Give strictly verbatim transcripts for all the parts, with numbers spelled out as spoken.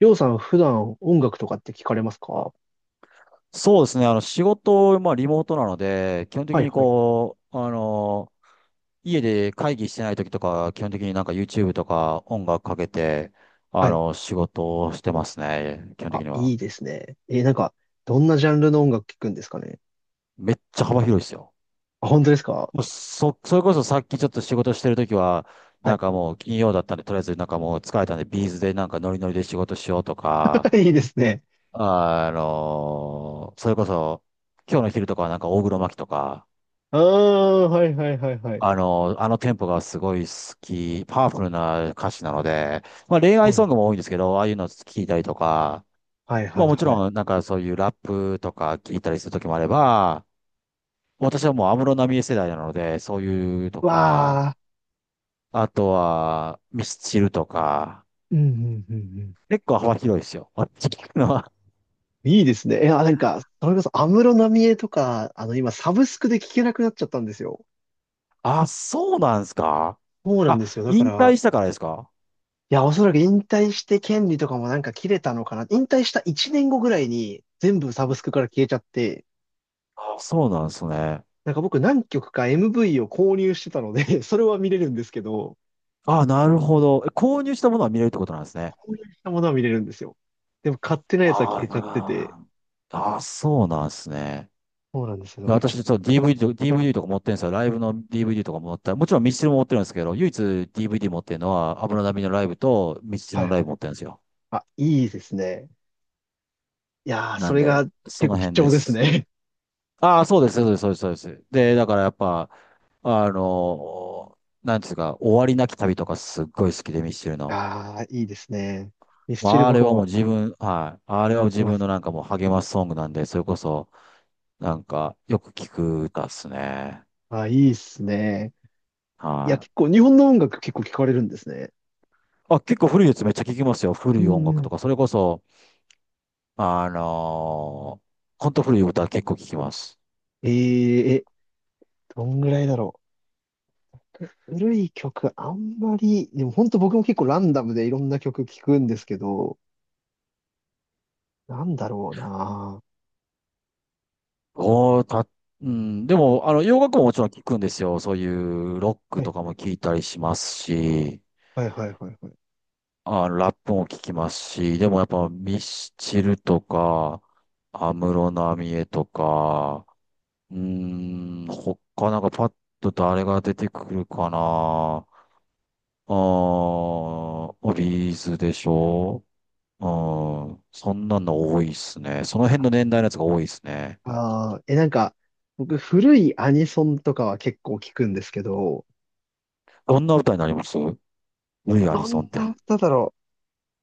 りょうさん、普段音楽とかって聞かれますか？そうですね。あの、仕事、まあ、リモートなので、基本的はいにはい。こう、あの、家で会議してない時とか、基本的になんか YouTube とか音楽かけて、あはい。の、仕事をしてますね。基本的あ、にいは。いですね。えーなんか、どんなジャンルの音楽聞くんですかね？めっちゃ幅広いですよ。あ、本当ですか？もうそ、それこそさっきちょっと仕事してる時は、はなんい。かもう金曜だったんで、とりあえずなんかもう疲れたんで、ビーズでなんかノリノリで仕事しようとか、いいですね。あの、それこそ、今日の昼とかはなんか大黒摩季とか、ああ、はいはいはいはい。あの、あのテンポがすごい好き、パワフルな歌詞なので、まあ恋そ愛うでソングす。も多いんですけど、ああいうの聞いたりとか、はいはまあいもちはい。ろんなんかそういうラップとか聞いたりする時もあれば、私はもう安室奈美恵世代なので、そういうとか、わあ、あとはミスチルとか、うんうんうんうん。結構幅広いですよ。私聞くのは。いいですね。え、あ、なんか、それこそ安室奈美恵とか、あの、今、サブスクで聞けなくなっちゃったんですよ。あ、そうなんですか。そうなんあ、ですよ。だか引ら、退したからですか。いや、おそらく引退して権利とかもなんか切れたのかな。引退したいちねんごぐらいに全部サうブん。スクから消えちゃって、あ、そうなんですね。なんか僕何曲か エムブイ を購入してたので それは見れるんですけど、あ、なるほど。え、購入したものは見れるってことなんですね。購入したものは見れるんですよ。でも買ってないやつはあ消あ、えちなゃるってて、ほど。あ、あそうなんですね。そうなんですよ。いだやからちょ私、っちょっと ディーブイディー と、ディーブイディー とか持ってるんですよ。ライブの DVD とか持った、もちろんミスチルも持ってるんですけど、唯一 ディーブイディー 持ってるのは、安室奈美のライブとミスチと、ルはのいラはイい。ブ持ってるんですよ。あ、いいですね。いやー、なそんれがで、そ結の構辺貴重でですす。ね。ああ、そうです、そうです、そうです、そうです。で、だからやっぱ、あのー、なんていうんですか、終わりなき旅とかすっごい好きで、ミスチル の。あー、いいですね。ミスまチルあ、あれ僕はもうも自分、はい。あれは聞自ま分す。のなんかもう励ますソングなんで、それこそ、なんか、よく聞く歌っすね。あ、いいっすね。いや、は結い。構日本の音楽結構聞かれるんですね。あ、結構古いやつめっちゃ聞きますよ。古うい音んう楽とん。か、それこそ、あのー、ほんと古い歌結構聞きます。えー、え、どんぐらいだろう。古い曲、あんまり、でも本当僕も結構ランダムでいろんな曲聞くんですけど、なんだろうな。おー、た、うん、でも、あの、洋楽ももちろん聞くんですよ。そういうロッはクい、とかも聞いたりしますし、はい、はい、はい、はい。あ、ラップも聞きますし、でもやっぱミスチルとか、安室奈美恵とか、うーん、他なんかパッと誰が出てくるかな。あー、ビーズでしょ。うん。そんなの多いっすね。その辺の年代のやつが多いっすね。ああ、え、なんか、僕、古いアニソンとかは結構聞くんですけど、どんな歌になりますル、イ・アニどんソンっなて。歌だろ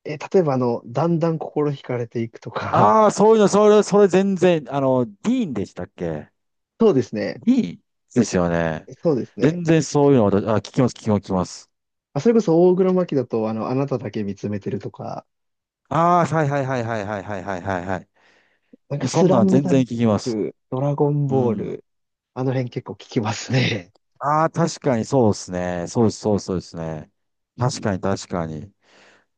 う。え、例えば、あの、だんだん心惹かれていくとか、ああ、そういうの、それ、それ全然、あの、ディーンでしたっけ。 そうですね。ディーンですよね。そうですね。全然そういうの私、あ、聞きます、聞きます、聞きます。あ、それこそ、大黒摩季だと、あの、あなただけ見つめてるとか、ああ、はいはいはいはいはいはいはいはいはなんか、い。そスんラなんム全ダ然ン聞きます。ク、ドラゴンうボーん。ル、あの辺結構聞きますね。ああ、確かにそうですね。そうです、そうですそうですね。確いかに確かに。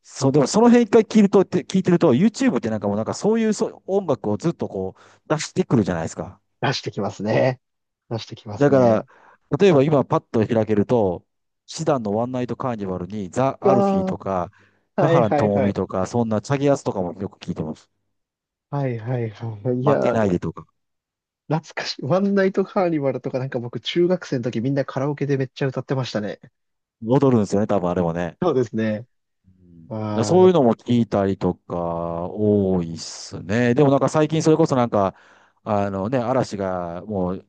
そう、でもその辺一回聞いると、って聞いてると、YouTube ってなんかもうなんかそういうそう音楽をずっとこう出してくるじゃないですか。出してきますね。出してきますだから、ね。例えば今パッと開けると、シダンのワンナイトカーニバルにザ・アルフィーあとか、あ、田はい原はい智は美い。とか、そんなチャギアスとかもよく聞いてます。はいはいはい。い負けや、ないでとか。懐かしい。ワンナイトカーニバルとかなんか僕中学生の時みんなカラオケでめっちゃ歌ってましたね。踊るんですよね、多分あれもね。そうですね。うん。だからあそういあ、うのも聞いたりとか、多いっすね。でもなんか最近それこそなんか、あのね、嵐がもう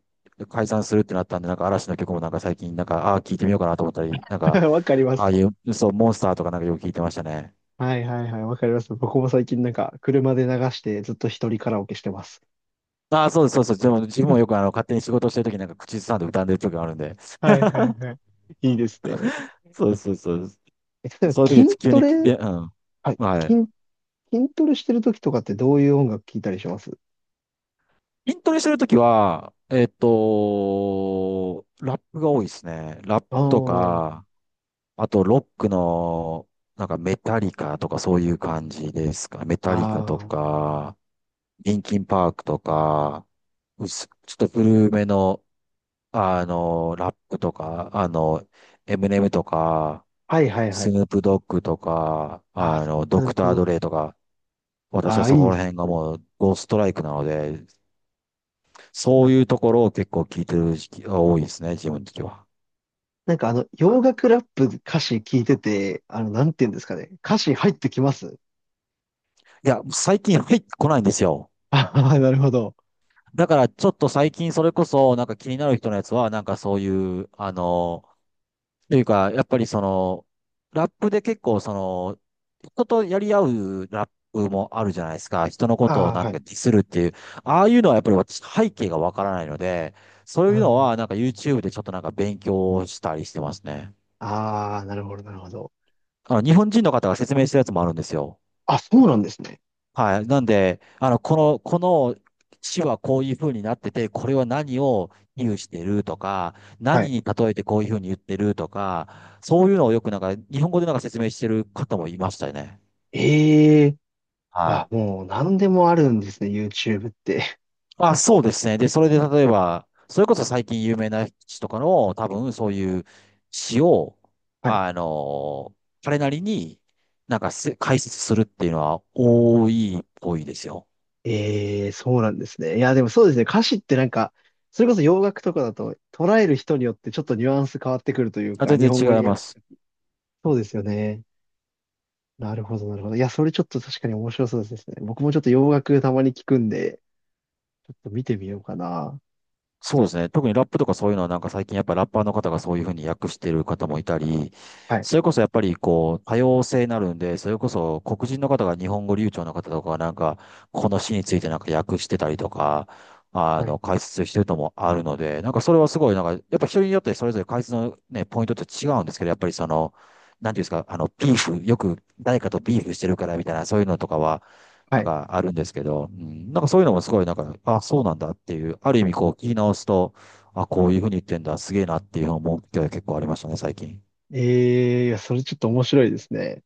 解散するってなったんで、なんか嵐の曲もなんか最近なんか、ああ、聞いてみようかなと思ったり、なん懐 か、わかりまああす。いう、そう、モンスターとかなんかよく聞いてましたね。はいはいはい、わかります。僕も最近なんか車で流してずっと一人カラオケしてます。ああ、そうです、そうです。でも自分もよくあの、勝手に仕事してるときなんか口ずさんで歌んでる時があるんで。はいはいはい。いいですね。そうです、そうです。そえ、例うです、えばそういう筋時急トに聞レ、いて、うん。はい、はい。筋、筋トレしてる時とかってどういう音楽聴いたりします？筋トレしてるときは、えっと、ラップが多いですね。ラップああとー、か、あと、ロックの、なんかメタリカとかそういう感じですか。メタリカあとあ、か、リンキンパークとか、うす、ちょっと古めの、あの、ラップとか、あの、エムネムとか、はいはいはスい。ヌープドッグとか、ああ、あスの、ドークプター・の、ドレイとか、私あはあ、そいいこでらす。辺がもうゴーストライクなので、そういうところを結構聞いてる時期が多いですね、自分的には。なんかあの、洋楽ラップ歌詞聞いてて、あの、なんて言うんですかね。歌詞入ってきます？いや、最近入ってこないんですよ。あ あー、なるほど。だからちょっと最近それこそなんか気になる人のやつはなんかそういう、あの、というかやっぱりその、ラップで結構その、人とやり合うラップもあるじゃないですか。人のこあとをあ、なんはかい。ディスるっていう。ああいうのはやっぱり私背景がわからないので、そうういうのん。はなんか YouTube でちょっとなんか勉強したりしてますね。ああ、なるほど、なるほど。あの、日本人の方が説明してるやつもあるんですよ。あ、そうなんですね。はい。なんで、あの、この、この市はこういう風になってて、これは何を比喩してるとか、は何い。に例えてこういう風に言ってるとか、そういうのをよくなんか、日本語でなんか説明してる方もいましたよね。ええ。あ、はい。もう何でもあるんですね、YouTube って。あ、そうですね。で、それで例えば、それこそ最近有名な詩とかの、多分そういう詩を、はい。あの、彼なりになんかせ解説するっていうのは多いっぽいですよ。ええ、そうなんですね。いや、でもそうですね。歌詞ってなんか、それこそ洋楽とかだと捉える人によってちょっとニュアンス変わってくるというあ、か、全日本語然違いにま訳す。す。そうですよね。なるほど、なるほど。いや、それちょっと確かに面白そうですね。僕もちょっと洋楽たまに聞くんで、ちょっと見てみようかな。そうですね。特にラップとかそういうのはなんか最近やっぱラッパーの方がそういうふうに訳してる方もいたり、はい、それこそやっぱりこう多様性になるんで、それこそ黒人の方が日本語流暢な方とかはなんかこの詩についてなんか訳してたりとか、あはい、の解説してるともあるので、なんかそれはすごいなんかやっぱ人によってそれぞれ解説のね、ポイントって違うんですけど、やっぱりその、なんていうんですか、あの、ビーフ、よく誰かとビーフしてるからみたいな、そういうのとかは、はなんい。かあるんですけど、うん、なんかそういうのもすごいなんか、あ、そうなんだっていう、ある意味こう聞き直すと、あ、こういうふうに言ってんだ、すげえなっていう思う機会が結構ありましたね、最近。えー、いや、それちょっと面白いですね。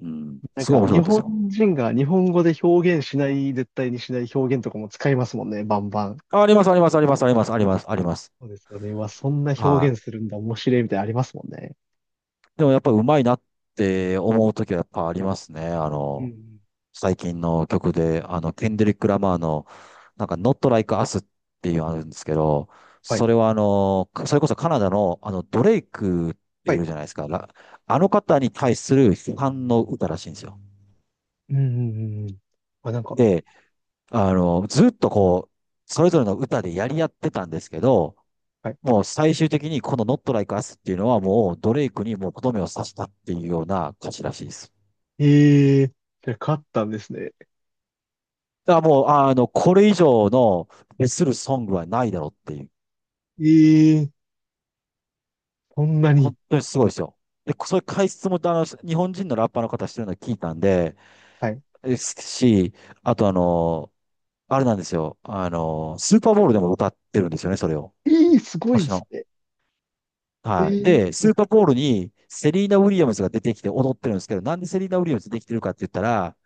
うん。なんすごいか、面白日かったですよ。本人が日本語で表現しない、絶対にしない表現とかも使いますもんね、バンバン。あ、あります、あります、あります、あります、あります、あります。そうですよね。うわ、そんな表は現するんだ、面白いみたいなのありますもんね。い。でもやっぱうまいなって思うときはやっぱありますね。あうんうの、ん。最近の曲で、あの、ケンドリック・ラマーの、なんか、Not Like Us っていうのあるんですけど、はい、それはあの、それこそカナダの、あの、ドレイクってはいい。るじゃないですか。らあの方に対する批判の歌らしいんですよ。うんうんうんうん。あ、なんか、で、あの、ずっとこう、それぞれの歌でやり合ってたんですけど、はい。もう最終的にこの Not Like Us っていうのはもうドレイクにもうとどめを刺したっていうような歌詞らしいです。えー、じゃあ勝ったんですね。だからもう、あの、これ以上の、別するソングはないだろうっていう。えー、そんなに。本当にすごいですよ。で、そういう解説も、あの、日本人のラッパーの方してるの聞いたんで、はい。ですし、あとあの、あれなんですよ。あの、スーパーボールでも歌ってるんですよね、それを。えー、す今ごいで年すの。ね。えはい。で、え、はスい。ーパーボールにセリーナ・ウィリアムズが出てきて踊ってるんですけど、なんでセリーナ・ウィリアムズできてるかって言ったら、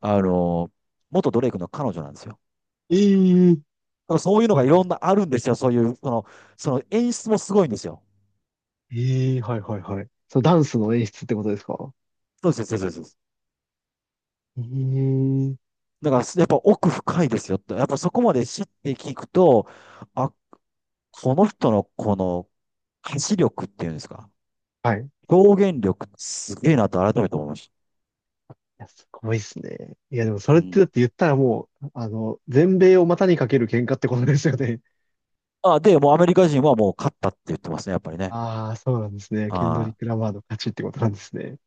あの、元ドレイクの彼女なんですよ。だええ、からそういうのはがいいろはんなあるんですよ。そういう、その、その演出もすごいんですよ。い。ええ、はいはいはい。そのダンスの演出ってことですか？そうです、そうです、そうです。ええ、だから、やっぱ奥深いですよって。やっぱそこまで知って聞くと、あ、この人のこの歌詞力っていうんですか。はい。い表現力すげえなと改めて思いましや、すごいですね。いや、でもそた。れっうてん。だって言ったらもう、あの、全米を股にかける喧嘩ってことですよね。あ、で、もうアメリカ人はもう勝ったって言ってますね、やっぱりね。ああ、そうなんですね。ケンドリはッい。ク・ラマーの勝ちってことなんですね。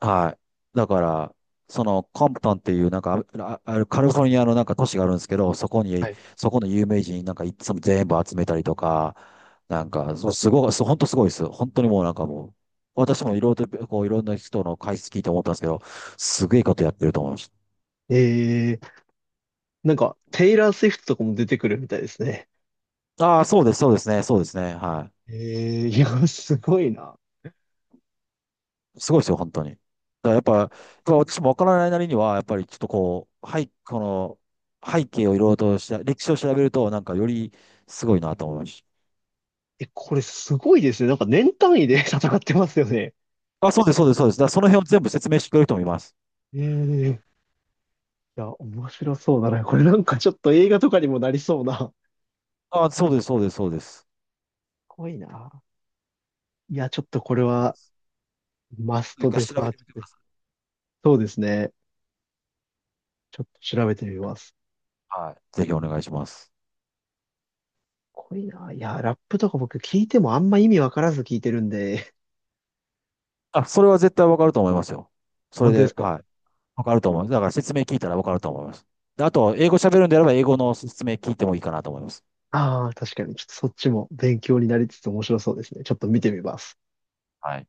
はい。だから、そのコンプトンっていうなんかあ、ああるカリフォルニアのなんか都市があるんですけど、そこはに、い。そこの有名人なんかいつも全部集めたりとか、なんか、そうすごい、そう、本当すごいです。本当にもうなんかもう、私もいろいろと、こういろんな人の解説聞いて思ったんですけど、すげえことやってると思いましええ、なんか、テイラー・スウィフトとかも出てくるみたいですね。た。ああ、そうです、そうですね、そうですね、はええ、いや、すごいな。い。すごいですよ、本当に。だからやっいぱ、やや、っぱ私もわからないなりには、やっぱりちょっとこう、はい、この、背景をいろいろとした、歴史を調べると、なんかよりすごいなと思いました。え、これすごいですね。なんか年単位で 戦ってますよね。あ、そうです、そうです、そうです。だからその辺を全部説明してくれる人もいます。ええ、いや、面白そうだな。これなんかちょっと映画とかにもなりそうな。あ、そうです、そうです、そうです。怖いな。いや、ちょっとこれそうではす。マス一ト回で調サべーてチみてくでだす。さそうですね。ちょっと調べてみます。い。はい。ぜひお願いします。怖いな。いや、ラップとか僕聞いてもあんま意味わからず聞いてるんで。あ、それは絶対わかると思いますよ。それ本当でで、すか？はい。わかると思います。だから説明聞いたらわかると思います。で、あと、英語喋るんであれば、英語の説明聞いてもいいかなと思います。ああー、確かに。ちょっとそっちも勉強になりつつ面白そうですね。ちょっと見てみます。はい。